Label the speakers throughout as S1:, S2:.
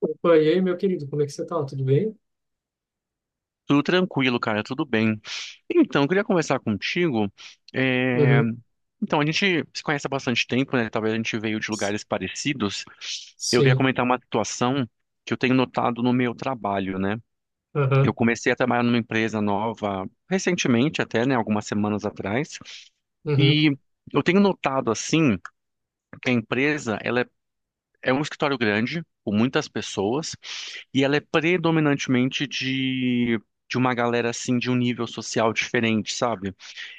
S1: Opa, e aí, meu querido, como é que você tá? Tudo bem?
S2: Tudo tranquilo, cara, tudo bem. Então, eu queria conversar contigo. é,
S1: Uhum.
S2: Então, a gente se conhece há bastante tempo, né? Talvez a gente veio de
S1: S-
S2: lugares parecidos. Eu queria
S1: Sim.
S2: comentar uma situação que eu tenho notado no meu trabalho, né? Eu
S1: Aham.
S2: comecei a trabalhar numa empresa nova recentemente, até, né? Algumas semanas atrás.
S1: Uhum.
S2: E eu tenho notado, assim, que a empresa, ela é um escritório grande, com muitas pessoas. E ela é predominantemente de uma galera, assim, de um nível social diferente, sabe?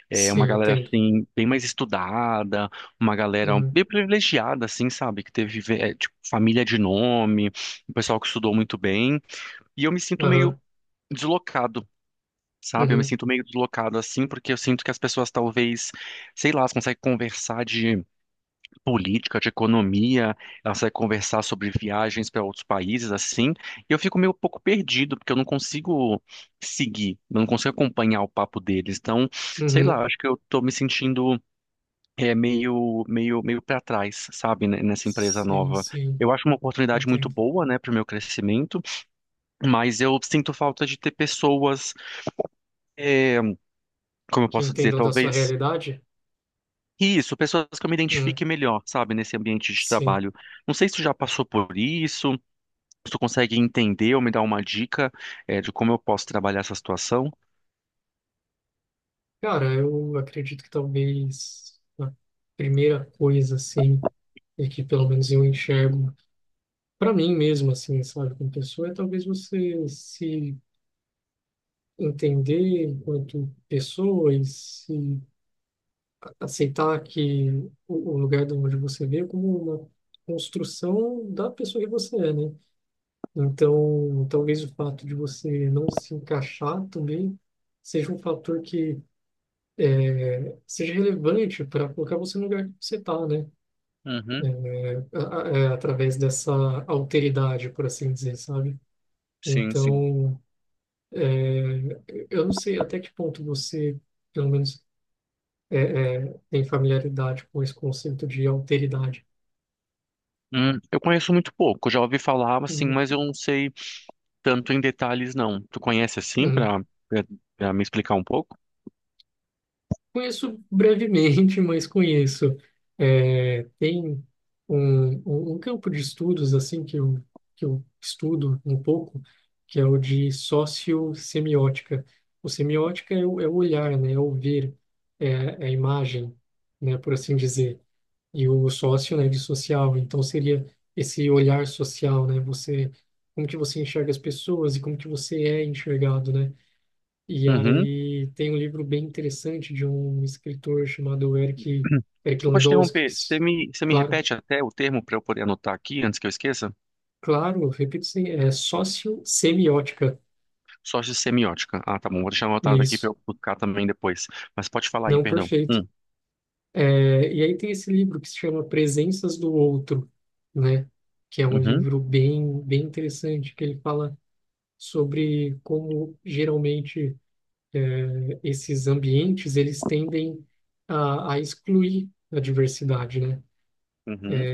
S2: É uma
S1: Sim,
S2: galera,
S1: entendo.
S2: assim, bem mais estudada, uma galera
S1: Uhum.
S2: bem privilegiada, assim, sabe? Que teve, tipo, família de nome, um pessoal que estudou muito bem. E eu me sinto meio
S1: Aham.
S2: deslocado. Sabe, eu me
S1: Uhum.
S2: sinto meio deslocado assim, porque eu sinto que as pessoas talvez, sei lá, elas conseguem conversar de política, de economia, ela vai conversar sobre viagens para outros países, assim, e eu fico meio pouco perdido, porque eu não consigo seguir, eu não consigo acompanhar o papo deles. Então, sei
S1: Uhum.
S2: lá, acho que eu tô me sentindo meio para trás, sabe, né, nessa empresa
S1: Sim,
S2: nova.
S1: sim.
S2: Eu acho uma oportunidade muito
S1: Entendo.
S2: boa, né, para o meu crescimento, mas eu sinto falta de ter pessoas, é, como eu
S1: Que
S2: posso dizer,
S1: entendam da sua
S2: talvez.
S1: realidade?
S2: Isso, pessoas que eu me
S1: Hum.
S2: identifique melhor, sabe, nesse ambiente de
S1: Sim.
S2: trabalho. Não sei se tu já passou por isso, tu consegue entender ou me dar uma dica, de como eu posso trabalhar essa situação?
S1: Cara, eu acredito que talvez a primeira coisa, assim, e que pelo menos eu enxergo para mim mesmo, assim, sabe, como pessoa, é talvez você se entender enquanto pessoa e se aceitar que o lugar de onde você veio como uma construção da pessoa que você é, né? Então, talvez o fato de você não se encaixar também seja um fator que é, seja relevante para colocar você no lugar que você está, né?
S2: Uhum,
S1: Através dessa alteridade, por assim dizer, sabe?
S2: sim, sim.
S1: Então, eu não sei até que ponto você, pelo menos, é, tem familiaridade com esse conceito de alteridade.
S2: Eu conheço muito pouco, já ouvi falar assim,
S1: Uhum.
S2: mas eu não sei tanto em detalhes não. Tu conhece assim
S1: Uhum.
S2: para me explicar um pouco?
S1: Conheço brevemente, mas conheço. É, tem um campo de estudos assim que eu estudo um pouco, que é o de sociossemiótica. O semiótica é é o olhar, né? É o ver, é a imagem, né? Por assim dizer. E o sócio, né? De social. Então seria esse olhar social, né? Você, como que você enxerga as pessoas e como que você é enxergado, né? E
S2: Uhum.
S1: aí tem um livro bem interessante de um escritor chamado Eric
S2: Desculpa te
S1: Landowski,
S2: interromper. Você me, você me
S1: claro,
S2: repete até o termo para eu poder anotar aqui antes que eu esqueça?
S1: claro, repito, sim, é sociossemiótica,
S2: Sócio semiótica. Ah, tá bom. Vou deixar
S1: é
S2: anotado aqui para
S1: isso,
S2: eu buscar também depois. Mas pode falar aí,
S1: não
S2: perdão.
S1: perfeito. É, e aí tem esse livro que se chama Presenças do Outro, né, que é um
S2: Uhum,
S1: livro bem interessante, que ele fala sobre como geralmente esses ambientes, eles tendem a excluir a diversidade, né?
S2: uhum.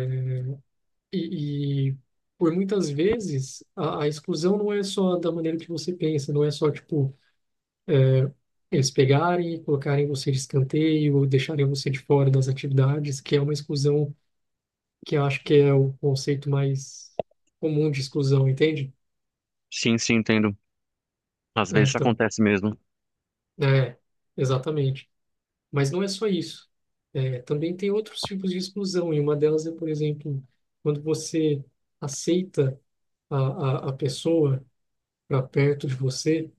S1: E por muitas vezes a exclusão não é só da maneira que você pensa, não é só tipo eles pegarem e colocarem você de escanteio, ou deixarem você de fora das atividades, que é uma exclusão que eu acho que é o conceito mais comum de exclusão, entende?
S2: Sim, sim, entendo. Às
S1: É,
S2: vezes
S1: então,
S2: acontece mesmo.
S1: é, exatamente. Mas não é só isso. É, também tem outros tipos de exclusão, e uma delas é, por exemplo, quando você aceita a pessoa para perto de você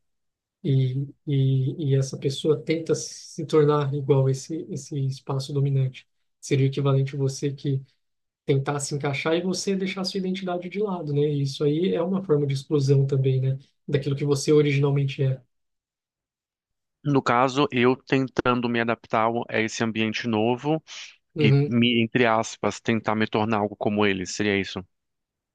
S1: e essa pessoa tenta se tornar igual a esse espaço dominante. Seria o equivalente a você que tentar se encaixar e você deixar sua identidade de lado, né? E isso aí é uma forma de exclusão também, né? Daquilo que você originalmente é.
S2: No caso, eu tentando me adaptar a esse ambiente novo e
S1: Uhum,
S2: me, entre aspas, tentar me tornar algo como ele, seria isso?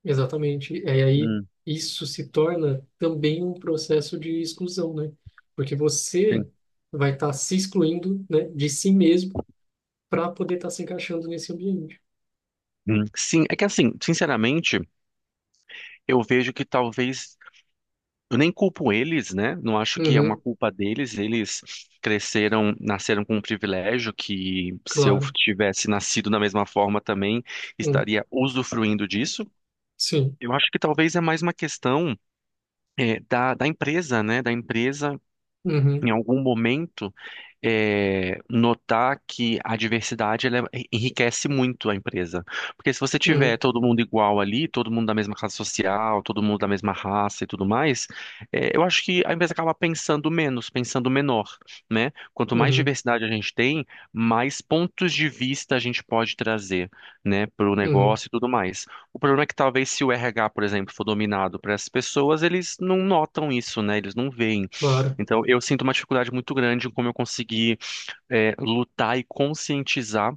S1: exatamente. E aí
S2: Hum,
S1: isso se torna também um processo de exclusão, né? Porque você
S2: sim.
S1: vai estar se excluindo, né, de si mesmo para poder estar se encaixando nesse ambiente.
S2: Sim, é que assim, sinceramente, eu vejo que talvez eu nem culpo eles, né? Não acho que é uma
S1: Uhum,
S2: culpa deles. Eles cresceram, nasceram com um privilégio que se eu
S1: claro.
S2: tivesse nascido da mesma forma também
S1: Uhum,
S2: estaria usufruindo disso.
S1: sim.
S2: Eu acho que talvez é mais uma questão da empresa, né? Da empresa
S1: Uhum.
S2: em algum momento notar que a diversidade enriquece muito a empresa. Porque se você tiver
S1: Uhum,
S2: todo mundo igual ali, todo mundo da mesma classe social, todo mundo da mesma raça e tudo mais, eu acho que a empresa acaba pensando menos, pensando menor, né? Quanto mais
S1: uhum,
S2: diversidade a gente tem, mais pontos de vista a gente pode trazer, né, para o
S1: uhum,
S2: negócio e tudo mais. O problema é que talvez se o RH, por exemplo, for dominado por essas pessoas, eles não notam isso, né? Eles não veem.
S1: claro.
S2: Então, eu sinto uma dificuldade muito grande em como eu conseguir lutar e conscientizar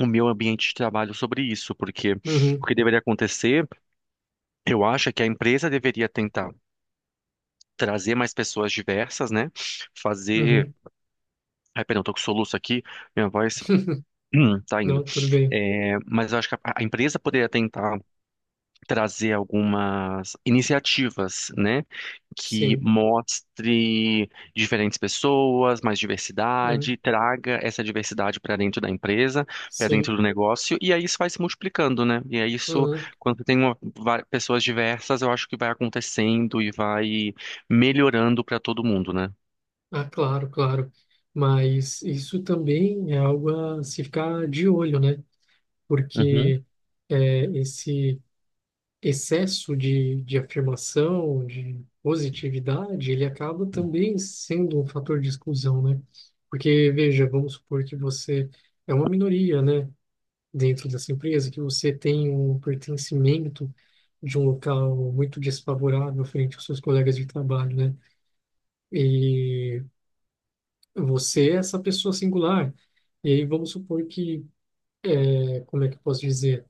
S2: o meu ambiente de trabalho sobre isso, porque
S1: Uhum,
S2: o que deveria acontecer, eu acho, é que a empresa deveria tentar trazer mais pessoas diversas, né? Fazer.
S1: uhum.
S2: Ai, perdão, tô com soluço aqui, minha voz. Tá indo.
S1: Não, tudo bem.
S2: É, mas eu acho que a empresa poderia tentar trazer algumas iniciativas, né, que
S1: Sim,
S2: mostre diferentes pessoas, mais
S1: uhum,
S2: diversidade, traga essa diversidade para dentro da empresa, para
S1: sim.
S2: dentro do negócio, e aí isso vai se multiplicando, né? E é isso,
S1: Uhum.
S2: quando você tem pessoas diversas, eu acho que vai acontecendo e vai melhorando para todo mundo, né?
S1: Ah, claro, claro. Mas isso também é algo a se ficar de olho, né?
S2: Uhum,
S1: Porque é, esse excesso de afirmação, de positividade, ele acaba também sendo um fator de exclusão, né? Porque, veja, vamos supor que você é uma minoria, né? Dentro dessa empresa, que você tem um pertencimento de um local muito desfavorável frente aos seus colegas de trabalho, né? E você é essa pessoa singular. E aí vamos supor que, como é que eu posso dizer?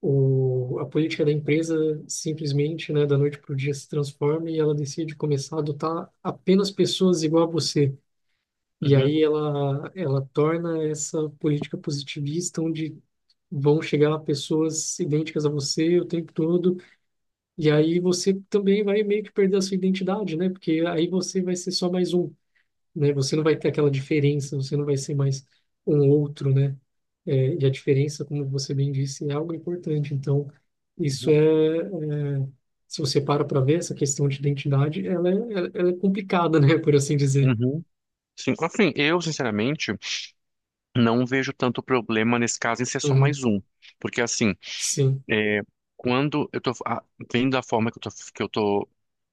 S1: A política da empresa simplesmente, né, da noite para o dia se transforma e ela decide começar a adotar apenas pessoas igual a você. E
S2: uhum,
S1: aí ela torna essa política positivista onde vão chegar pessoas idênticas a você o tempo todo. E aí você também vai meio que perder a sua identidade, né? Porque aí você vai ser só mais um, né? Você não vai ter aquela diferença, você não vai ser mais um outro, né? É, e a diferença, como você bem disse, é algo importante. Então, isso é se você para para ver essa questão de identidade, ela é complicada, né? Por assim dizer.
S2: uhum. Sim, assim, eu, sinceramente, não vejo tanto problema nesse caso em ser só
S1: Uhum.
S2: mais um. Porque, assim,
S1: Sim.
S2: É, quando vendo a forma que eu tô, que eu tô,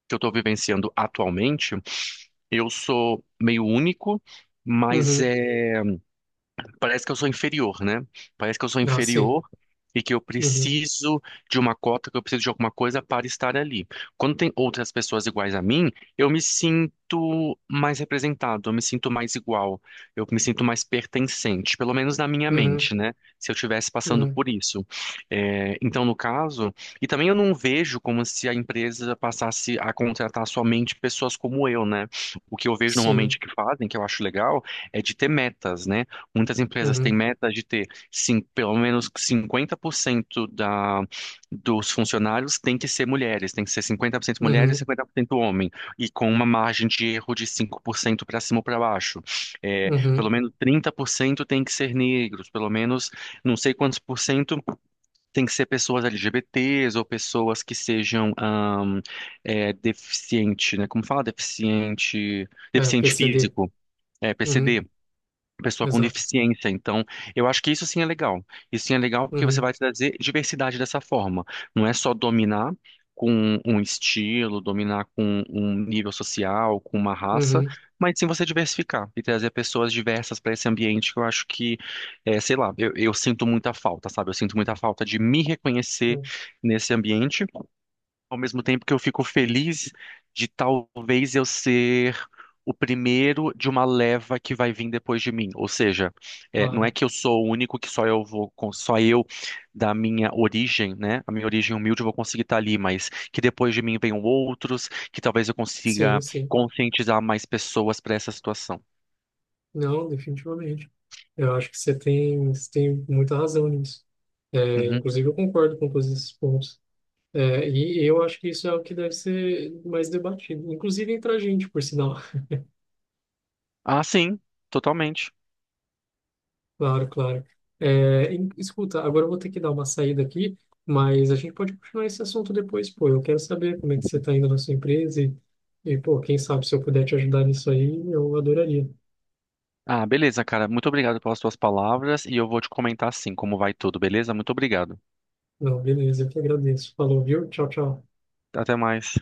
S2: que eu tô vivenciando atualmente, eu sou meio único, mas
S1: Uhum.
S2: é parece que eu sou inferior, né? Parece que eu sou
S1: Ah, sim.
S2: inferior e que eu
S1: Uhum.
S2: preciso de uma cota, que eu preciso de alguma coisa para estar ali. Quando tem outras pessoas iguais a mim, eu me sinto mais representado, eu me sinto mais igual, eu me sinto mais pertencente, pelo menos na minha
S1: Uhum.
S2: mente, né? Se eu estivesse passando
S1: Uhum.
S2: por isso. É, então, no caso, e também eu não vejo como se a empresa passasse a contratar somente pessoas como eu, né? O que eu vejo normalmente
S1: Sim.
S2: que fazem, que eu acho legal, é de ter metas, né? Muitas empresas têm
S1: Uhum.
S2: metas de ter sim, pelo menos 50% dos funcionários tem que ser mulheres, tem que ser 50% mulheres e
S1: Uhum.
S2: 50% homem, e com uma margem de erro de 5% para cima ou para baixo. É,
S1: Uhum.
S2: pelo menos 30% tem que ser negros, pelo menos não sei quantos por cento tem que ser pessoas LGBTs ou pessoas que sejam deficiente, né? Como fala?
S1: É,
S2: Deficiente
S1: PCD.
S2: físico, é,
S1: Uhum.
S2: PCD pessoa com
S1: Exato.
S2: deficiência. Então, eu acho que isso sim é legal. Isso sim é legal porque você
S1: Uhum.
S2: vai trazer diversidade dessa forma. Não é só dominar com um estilo, dominar com um nível social, com uma raça,
S1: Uhum,
S2: mas sim você diversificar e trazer pessoas diversas para esse ambiente que eu acho que, sei lá, eu sinto muita falta, sabe? Eu sinto muita falta de me reconhecer
S1: né,
S2: nesse ambiente ao mesmo tempo que eu fico feliz de talvez eu ser o primeiro de uma leva que vai vir depois de mim. Ou seja, não é
S1: claro.
S2: que eu sou o único que só eu vou, só eu da minha origem, né? A minha origem humilde eu vou conseguir estar ali, mas que depois de mim venham outros, que talvez eu
S1: Sim,
S2: consiga
S1: sim.
S2: conscientizar mais pessoas para essa situação.
S1: Não, definitivamente. Eu acho que você tem muita razão nisso. É,
S2: Uhum.
S1: inclusive, eu concordo com todos esses pontos. É, e eu acho que isso é o que deve ser mais debatido, inclusive entre a gente, por sinal.
S2: Ah, sim, totalmente.
S1: Claro, claro. É, escuta, agora eu vou ter que dar uma saída aqui, mas a gente pode continuar esse assunto depois, pô. Eu quero saber como é que você está indo na sua empresa e, pô, quem sabe se eu puder te ajudar nisso aí, eu adoraria.
S2: Ah, beleza, cara. Muito obrigado pelas suas palavras e eu vou te comentar sim como vai tudo, beleza? Muito obrigado.
S1: Não, beleza, eu que agradeço. Falou, viu? Tchau, tchau.
S2: Até mais.